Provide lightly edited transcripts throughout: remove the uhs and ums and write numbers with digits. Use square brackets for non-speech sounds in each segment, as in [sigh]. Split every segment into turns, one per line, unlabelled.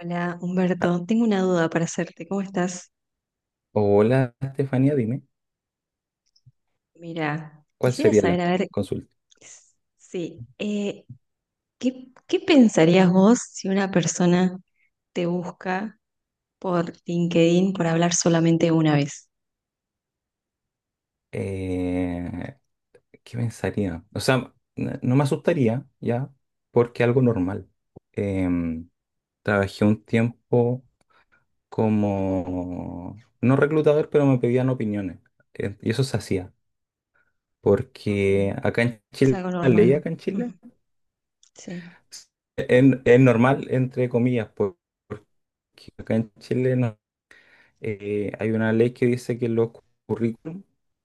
Hola,
Ah,
Humberto. Tengo una duda para hacerte. ¿Cómo estás?
hola, Estefanía, dime,
Mira,
¿cuál
quisiera
sería
saber,
la
a ver,
consulta?
s- sí, eh, ¿qué pensarías vos si una persona te busca por LinkedIn por hablar solamente una vez?
Eh, ¿Qué pensaría? O sea, no me asustaría ya, porque algo normal. Em, Trabajé un tiempo como, no reclutador, pero me pedían opiniones. Y eso se hacía,
Ok,
porque acá en
es
Chile,
algo
la ley
normal.
acá en
Mm.
Chile,
Sí.
es normal, entre comillas, porque acá en Chile no hay una ley que dice que los currículum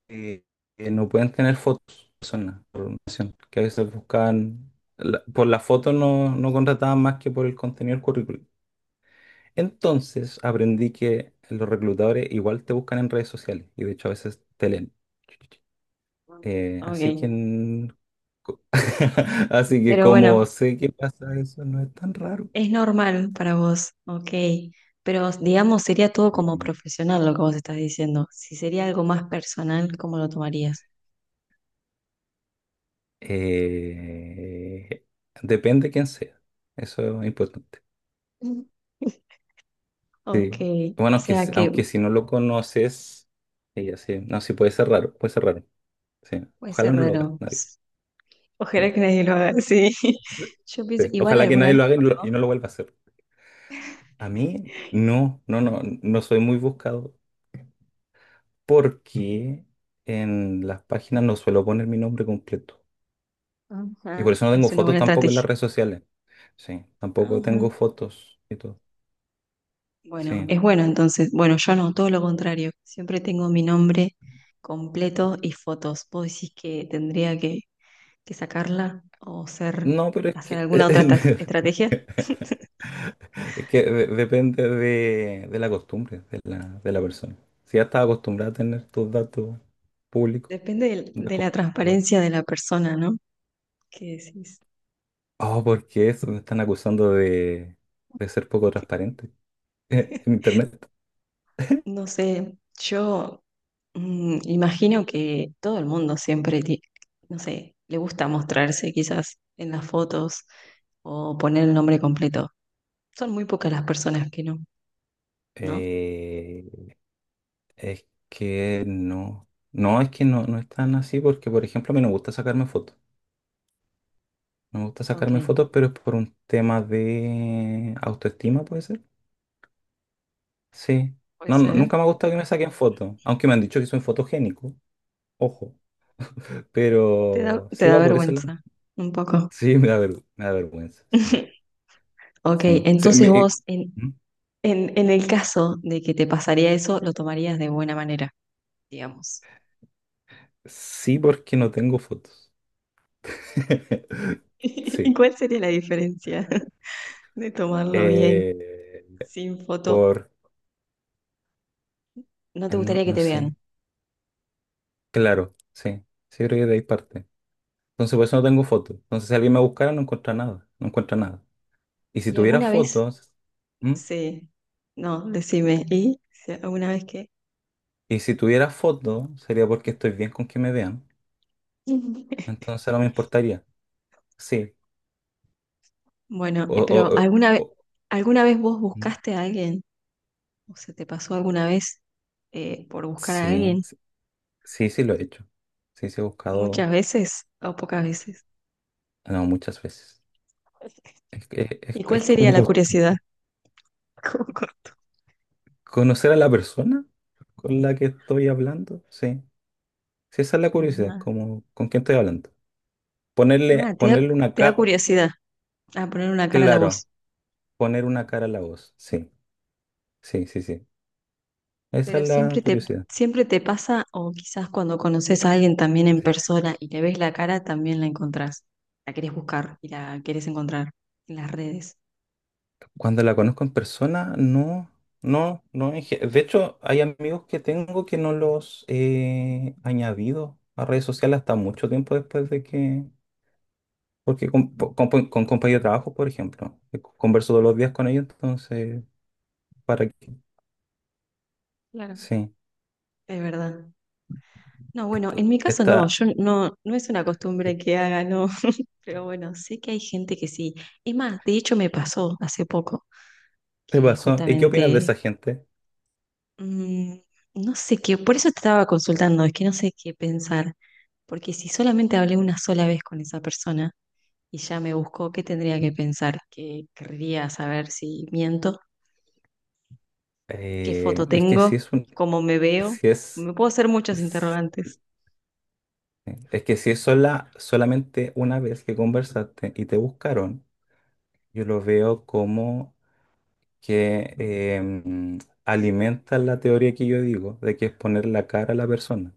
eh, no pueden tener fotos de personas por una nación, que a veces buscaban, por la foto no, no contrataban más que por el contenido del currículum. Entonces aprendí que los reclutadores igual te buscan en redes sociales y de hecho a veces te leen. Así que,
Ok.
en- co- [laughs] así que
Pero bueno,
como sé que pasa eso, no es tan raro.
es normal para vos. Ok. Pero digamos, sería todo como profesional lo que vos estás diciendo. Si sería algo más personal, ¿cómo lo tomarías?
Eh, Depende quién sea. Eso es importante.
[laughs] Ok,
Sí.
o
Bueno, que
sea que
aunque si no lo conoces, ella sí. No, sí, puede ser raro, puede ser raro. Sí.
puede
Ojalá
ser
no lo haga
raro.
nadie. Sí.
Ojalá que nadie lo haga, sí. [laughs] Yo pienso,
Sí.
igual
Ojalá que
alguna
nadie
vez
lo
te
haga y
pasó.
no lo vuelva a hacer. A mí, no, no, no, no soy muy buscado porque en las páginas no suelo poner mi nombre completo. Y
Ajá.
por eso no tengo
Es una buena
fotos tampoco en las
estrategia.
redes sociales. Sí, tampoco
Ajá.
tengo fotos y todo.
Bueno,
Sí.
es bueno entonces. Bueno, yo no, todo lo contrario. Siempre tengo mi nombre completo y fotos. ¿Vos decís que tendría que sacarla o ser,
No, pero es
hacer
que.
alguna otra estrategia?
[laughs] Es que depende de la costumbre de la persona. Si ya estás acostumbrada a tener tus datos públicos,
Depende del-
ya
de, la
bueno.
transparencia de la persona, ¿no? ¿Qué decís?
Oh, porque eso me están acusando de, ser poco transparente [laughs] en
[laughs]
internet.
No sé, yo, mm, imagino que todo el mundo siempre, no sé, le gusta mostrarse quizás en las fotos o poner el nombre completo. Son muy pocas las personas que no, ¿no?
Eh, es que no. No, es que no, no es tan así porque, por ejemplo, a mí no me gusta sacarme fotos. No me gusta
Ok,
sacarme fotos, pero es por un tema de autoestima, puede ser. Sí.
puede
No, no,
ser.
nunca me ha gustado que me saquen fotos, aunque me han dicho que soy fotogénico. Ojo.
Te da,
Pero
te
sí
da
va por ese lado.
vergüenza, un poco.
Sí, me da vergüenza. Sí,
[laughs] Ok,
sí. Sí,
entonces vos,
¿Mm?
en el caso de que te pasaría eso, lo tomarías de buena manera, digamos.
Sí, porque no tengo fotos.
[laughs]
[laughs]
¿Y
Sí.
cuál sería la diferencia [laughs] de tomarlo bien,
Eh,
sin foto?
por.
No te
No,
gustaría que
no
te vean.
sé. Claro, sí. Sí, creo que de ahí parte. Entonces, por eso no tengo fotos. Entonces, si alguien me buscara, no encuentra nada. No encuentra nada. Y si
¿Y
tuviera
alguna vez...
fotos. ¿Mm?
Sí, no, decime. ¿Y si alguna vez que...
Y si tuviera fotos, sería porque estoy bien con que me vean.
[laughs]
Entonces, no me importaría. Sí.
Bueno,
O,
pero
o, o-
¿alguna vez,
o-
alguna vez vos
¿Mm?
buscaste a alguien? ¿O se te pasó alguna vez por buscar a
Sí.
alguien?
Sí. Sí, sí lo he hecho. Sí, sí he buscado,
¿Muchas veces o pocas veces?
no, muchas veces.
¿Y
Es,
cuál
es
sería
como
la curiosidad? [laughs] Como corto.
conocer a la persona con la que estoy hablando. Sí, sí, esa es la curiosidad,
Ajá.
como con quién estoy hablando. Ponerle,
Ah, te da,
ponerle una
te da
cara,
curiosidad a poner una cara a la
claro,
voz.
poner una cara a la voz. Sí, sí, sí, sí. Esa
Pero
es la
siempre te,
curiosidad.
siempre te pasa, o quizás cuando conoces a alguien también en persona y le ves la cara, también la encontrás. La querés buscar y la querés encontrar en las redes.
Cuando la conozco en persona, no, no, no. De hecho, hay amigos que tengo que no los he añadido a redes sociales hasta mucho tiempo después de que. Porque con compañeros de trabajo, por ejemplo, converso todos los días con ellos, entonces, ¿para qué?
Claro.
Sí,
Es verdad. No, bueno,
este,
en mi caso no,
esta,
yo no, no es una
este
costumbre que haga, no. [laughs] Pero bueno, sé que hay gente que sí. Es más, de hecho me pasó hace poco que
pasó. ¿Y qué opinas de
justamente,
esa gente?
mm, no sé qué, por eso te estaba consultando, es que no sé qué pensar. Porque si solamente hablé una sola vez con esa persona, y ya me buscó, qué tendría que pensar, qué querría saber, si miento, qué
Eh,
foto
es que
tengo,
si es un,
cómo me veo.
si es,
Me puedo hacer muchos
es
interrogantes.
es que si es solamente una vez que conversaste y te buscaron, yo lo veo como que alimenta la teoría que yo digo de que es poner la cara a la persona,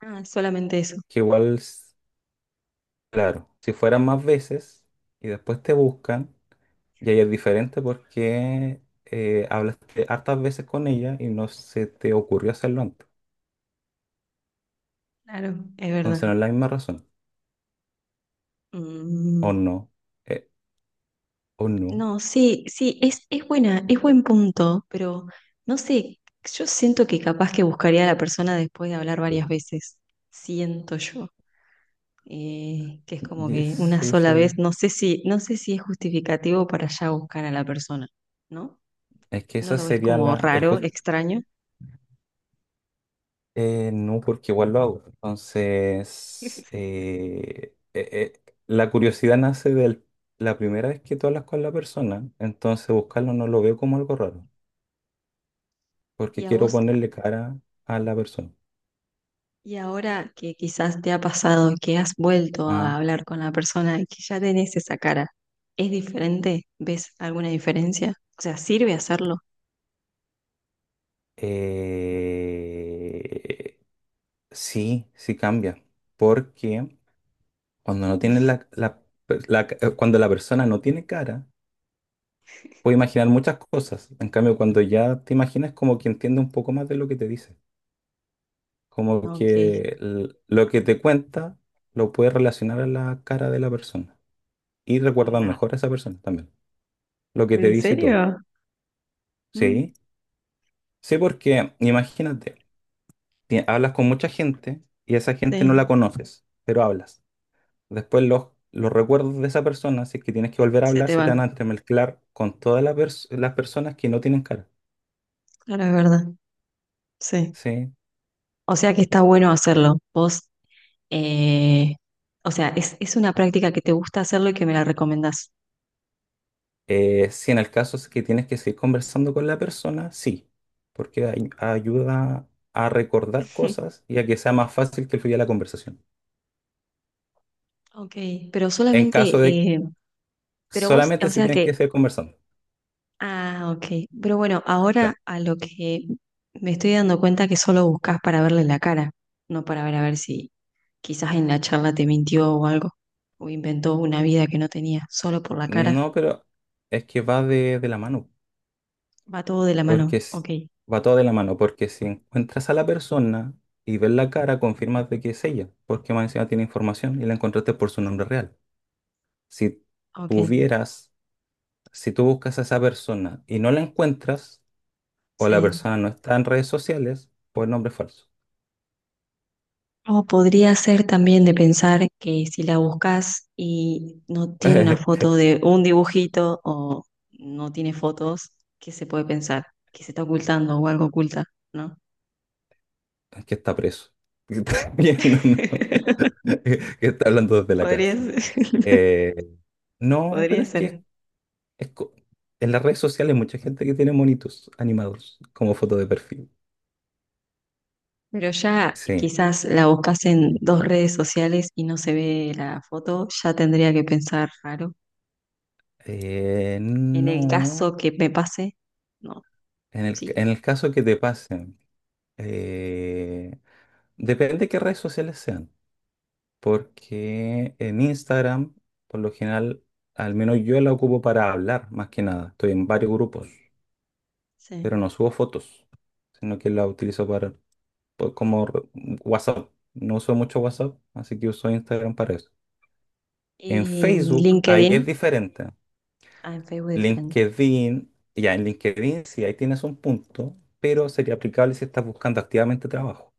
Ah, solamente eso.
que igual. Claro, si fueran más veces y después te buscan, y ahí es diferente porque hablaste hartas veces con ella y no se te ocurrió hacerlo antes.
Claro, es
Entonces no
verdad.
es la misma razón. O
Mm,
no, eh, o no.
no, sí, sí, es buena, es buen punto, pero no sé, yo siento que capaz que buscaría a la persona después de hablar
Sí.
varias veces. Siento yo. Que es como
Y es-
que una
sí,
sola
sí.
vez, no sé si es justificativo para ya buscar a la persona, ¿no?
Es que
¿No
esa
lo ves
sería
como
la.
raro, extraño?
No, porque igual lo hago. Entonces,
[laughs]
la curiosidad nace de la primera vez que tú hablas con la persona, entonces buscarlo no lo veo como algo raro.
Y
Porque
a
quiero
vos,
ponerle cara a la persona.
y ahora que quizás te ha pasado, que has vuelto
Ah,
a hablar con la persona y que ya tenés esa cara, ¿es diferente? ¿Ves alguna diferencia? O sea, ¿sirve hacerlo?
eh, sí, sí cambia, porque cuando no tienes
[laughs]
la- cuando la persona no tiene cara, puede imaginar muchas cosas. En cambio, cuando ya te imaginas, como que entiende un poco más de lo que te dice, como
Ok.
que lo que te cuenta lo puedes relacionar a la cara de la persona y recuerdas
Ah,
mejor a esa persona también, lo que te
¿en
dice y todo.
serio?
Sí,
Mm,
sí, porque imagínate. Hablas con mucha gente y esa gente no la
sí,
conoces, pero hablas. Después los recuerdos de esa persona, si es que tienes que volver a
se
hablar,
te
se te van a
van.
entremezclar con todas las las personas que no tienen cara,
Claro, es verdad. Sí.
¿sí?
O sea que está bueno hacerlo. Vos, eh, o sea, es una práctica que te gusta hacerlo y que me la recomendás.
Si en el caso es que tienes que seguir conversando con la persona, sí, porque ayuda a recordar
[laughs]
cosas y a que sea más fácil que fluya la conversación.
Ok, pero
En
solamente
caso de
pero vos, o
solamente si
sea
tienes que
que,
seguir conversando.
ah, ok. Pero bueno, ahora
Claro.
a lo que me estoy dando cuenta que solo buscas para verle la cara, no para ver a ver si quizás en la charla te mintió o algo, o inventó una vida que no tenía, solo por la cara.
No, pero es que va de la mano.
Va todo de la mano.
Porque
Ok,
va todo de la mano, porque si encuentras a la persona y ves la cara, confirmas de que es ella, porque más encima tiene información y la encontraste por su nombre real. Si
ok.
tuvieras, si tú buscas a esa persona y no la encuentras, o la
Sí.
persona no está en redes sociales, pues nombre falso.
O podría ser también de pensar que si la buscas y no tiene una foto
[laughs]
de un dibujito o no tiene fotos, ¿qué se puede pensar? Que se está ocultando o algo oculta, ¿no?
Es que está preso. [laughs] Que está viendo, ¿no?
[laughs]
[laughs] Que está hablando desde la
Podría
cárcel.
ser, [laughs]
Eh, no, pero
podría
es que
ser.
es co- en las redes sociales hay mucha gente que tiene monitos animados como foto de perfil.
Pero ya
Sí.
quizás la buscas en dos redes sociales y no se ve la foto, ya tendría que pensar raro. En el
No,
caso que me pase, no, sí,
en el caso que te pasen, eh, depende de qué redes sociales sean, porque en Instagram, por lo general, al menos yo la ocupo para hablar, más que nada. Estoy en varios grupos, pero
sí.
no subo fotos, sino que la utilizo para, pues, como WhatsApp. No uso mucho WhatsApp, así que uso Instagram para eso. En
Y
Facebook, ahí
LinkedIn,
es diferente.
ah, en Facebook diferente.
LinkedIn, ya en LinkedIn sí, ahí tienes un punto, pero sería aplicable si estás buscando activamente trabajo.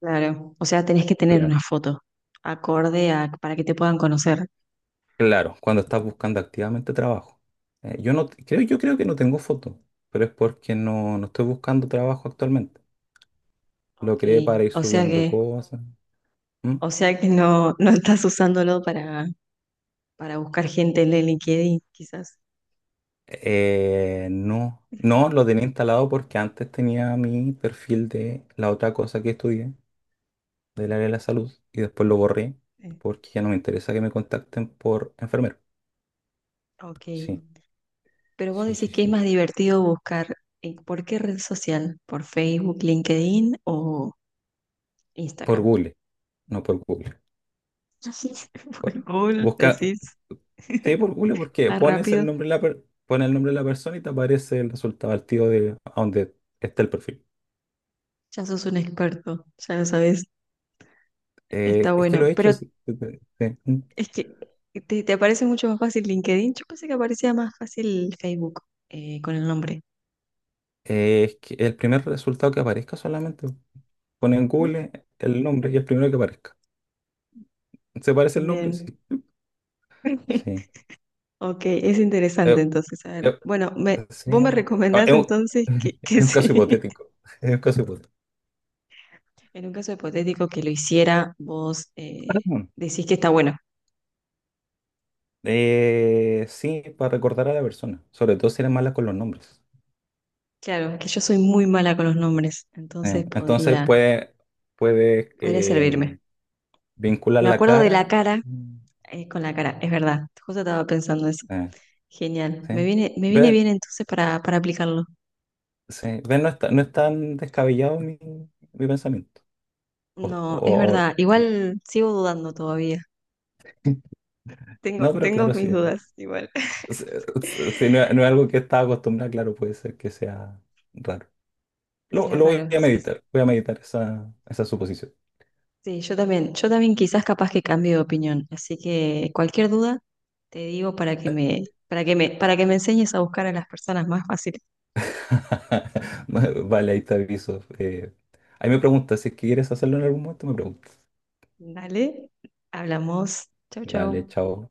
Claro, o sea, tenés que tener una
Claro.
foto acorde a para que te puedan conocer.
Claro, cuando estás buscando activamente trabajo. Yo no creo, yo creo que no tengo foto, pero es porque no, no estoy buscando trabajo actualmente. Lo
Ok,
creé para ir
o sea
subiendo
que,
cosas. ¿Mm?
o sea que no, no estás usándolo para buscar gente en el LinkedIn, quizás.
No, no lo tenía instalado porque antes tenía mi perfil de la otra cosa que estudié, del área de la salud, y después lo borré
Sí.
porque ya no me interesa que me contacten por enfermero.
Ok.
Sí.
Pero vos
Sí,
decís
sí,
que es
sí.
más divertido buscar por qué red social, por Facebook, LinkedIn o
Por
Instagram.
Google, no por Google.
[laughs]
Bu-
Por Google,
Busca,
decís,
sí, por Google porque
más rápido.
pone el nombre de la persona y te aparece el resultado al tío de a donde está el perfil.
Ya sos un experto, ya lo sabés, está
Es que lo
bueno.
he hecho.
Pero
Sí, sí, sí.
es que te aparece mucho más fácil LinkedIn. Yo pensé que aparecía más fácil Facebook, con el nombre.
Es que el primer resultado que aparezca solamente pone en
Mm.
Google el nombre y el primero que aparezca. ¿Se parece el nombre? Sí.
Bien.
Sí.
[laughs] Ok, es
Eh,
interesante entonces. A ver.
eh,
Bueno, me,
sí.
vos me
Ah,
recomendás
es un,
entonces
[laughs]
que [laughs]
es un caso
sí.
hipotético. Es un caso
En un caso hipotético que lo hiciera, vos,
hipotético.
decís que está bueno.
Sí, para recordar a la persona, sobre todo si eres mala con los nombres.
Claro, que yo soy muy mala con los nombres, entonces
Entonces
podría,
puede, puede
podría servirme.
em, vincular
Me
la
acuerdo de la
cara.
cara,
Mm.
con la cara, es verdad, justo estaba pensando eso.
eh,
Genial,
sí.
me viene
Ve,
bien entonces para aplicarlo.
sí, ve, no está, no es tan descabellado mi pensamiento. O-
No, es
o-
verdad,
o-
igual sigo dudando todavía.
[laughs]
Tengo,
no, pero
tengo
claro, sí.
mis dudas, igual. [laughs]
Si si no, es no es algo que estaba acostumbrado, claro, puede ser que sea raro.
Que sea
Lo
raro, sí, sí.
voy a meditar esa suposición.
Sí, yo también quizás capaz que cambie de opinión, así que cualquier duda te digo para que me enseñes a buscar a las personas más fáciles.
[laughs] Vale, ahí te aviso. Ahí me preguntas, si es que quieres hacerlo en algún momento, me preguntas.
Dale, hablamos. Chau,
Vale,
chau.
chao.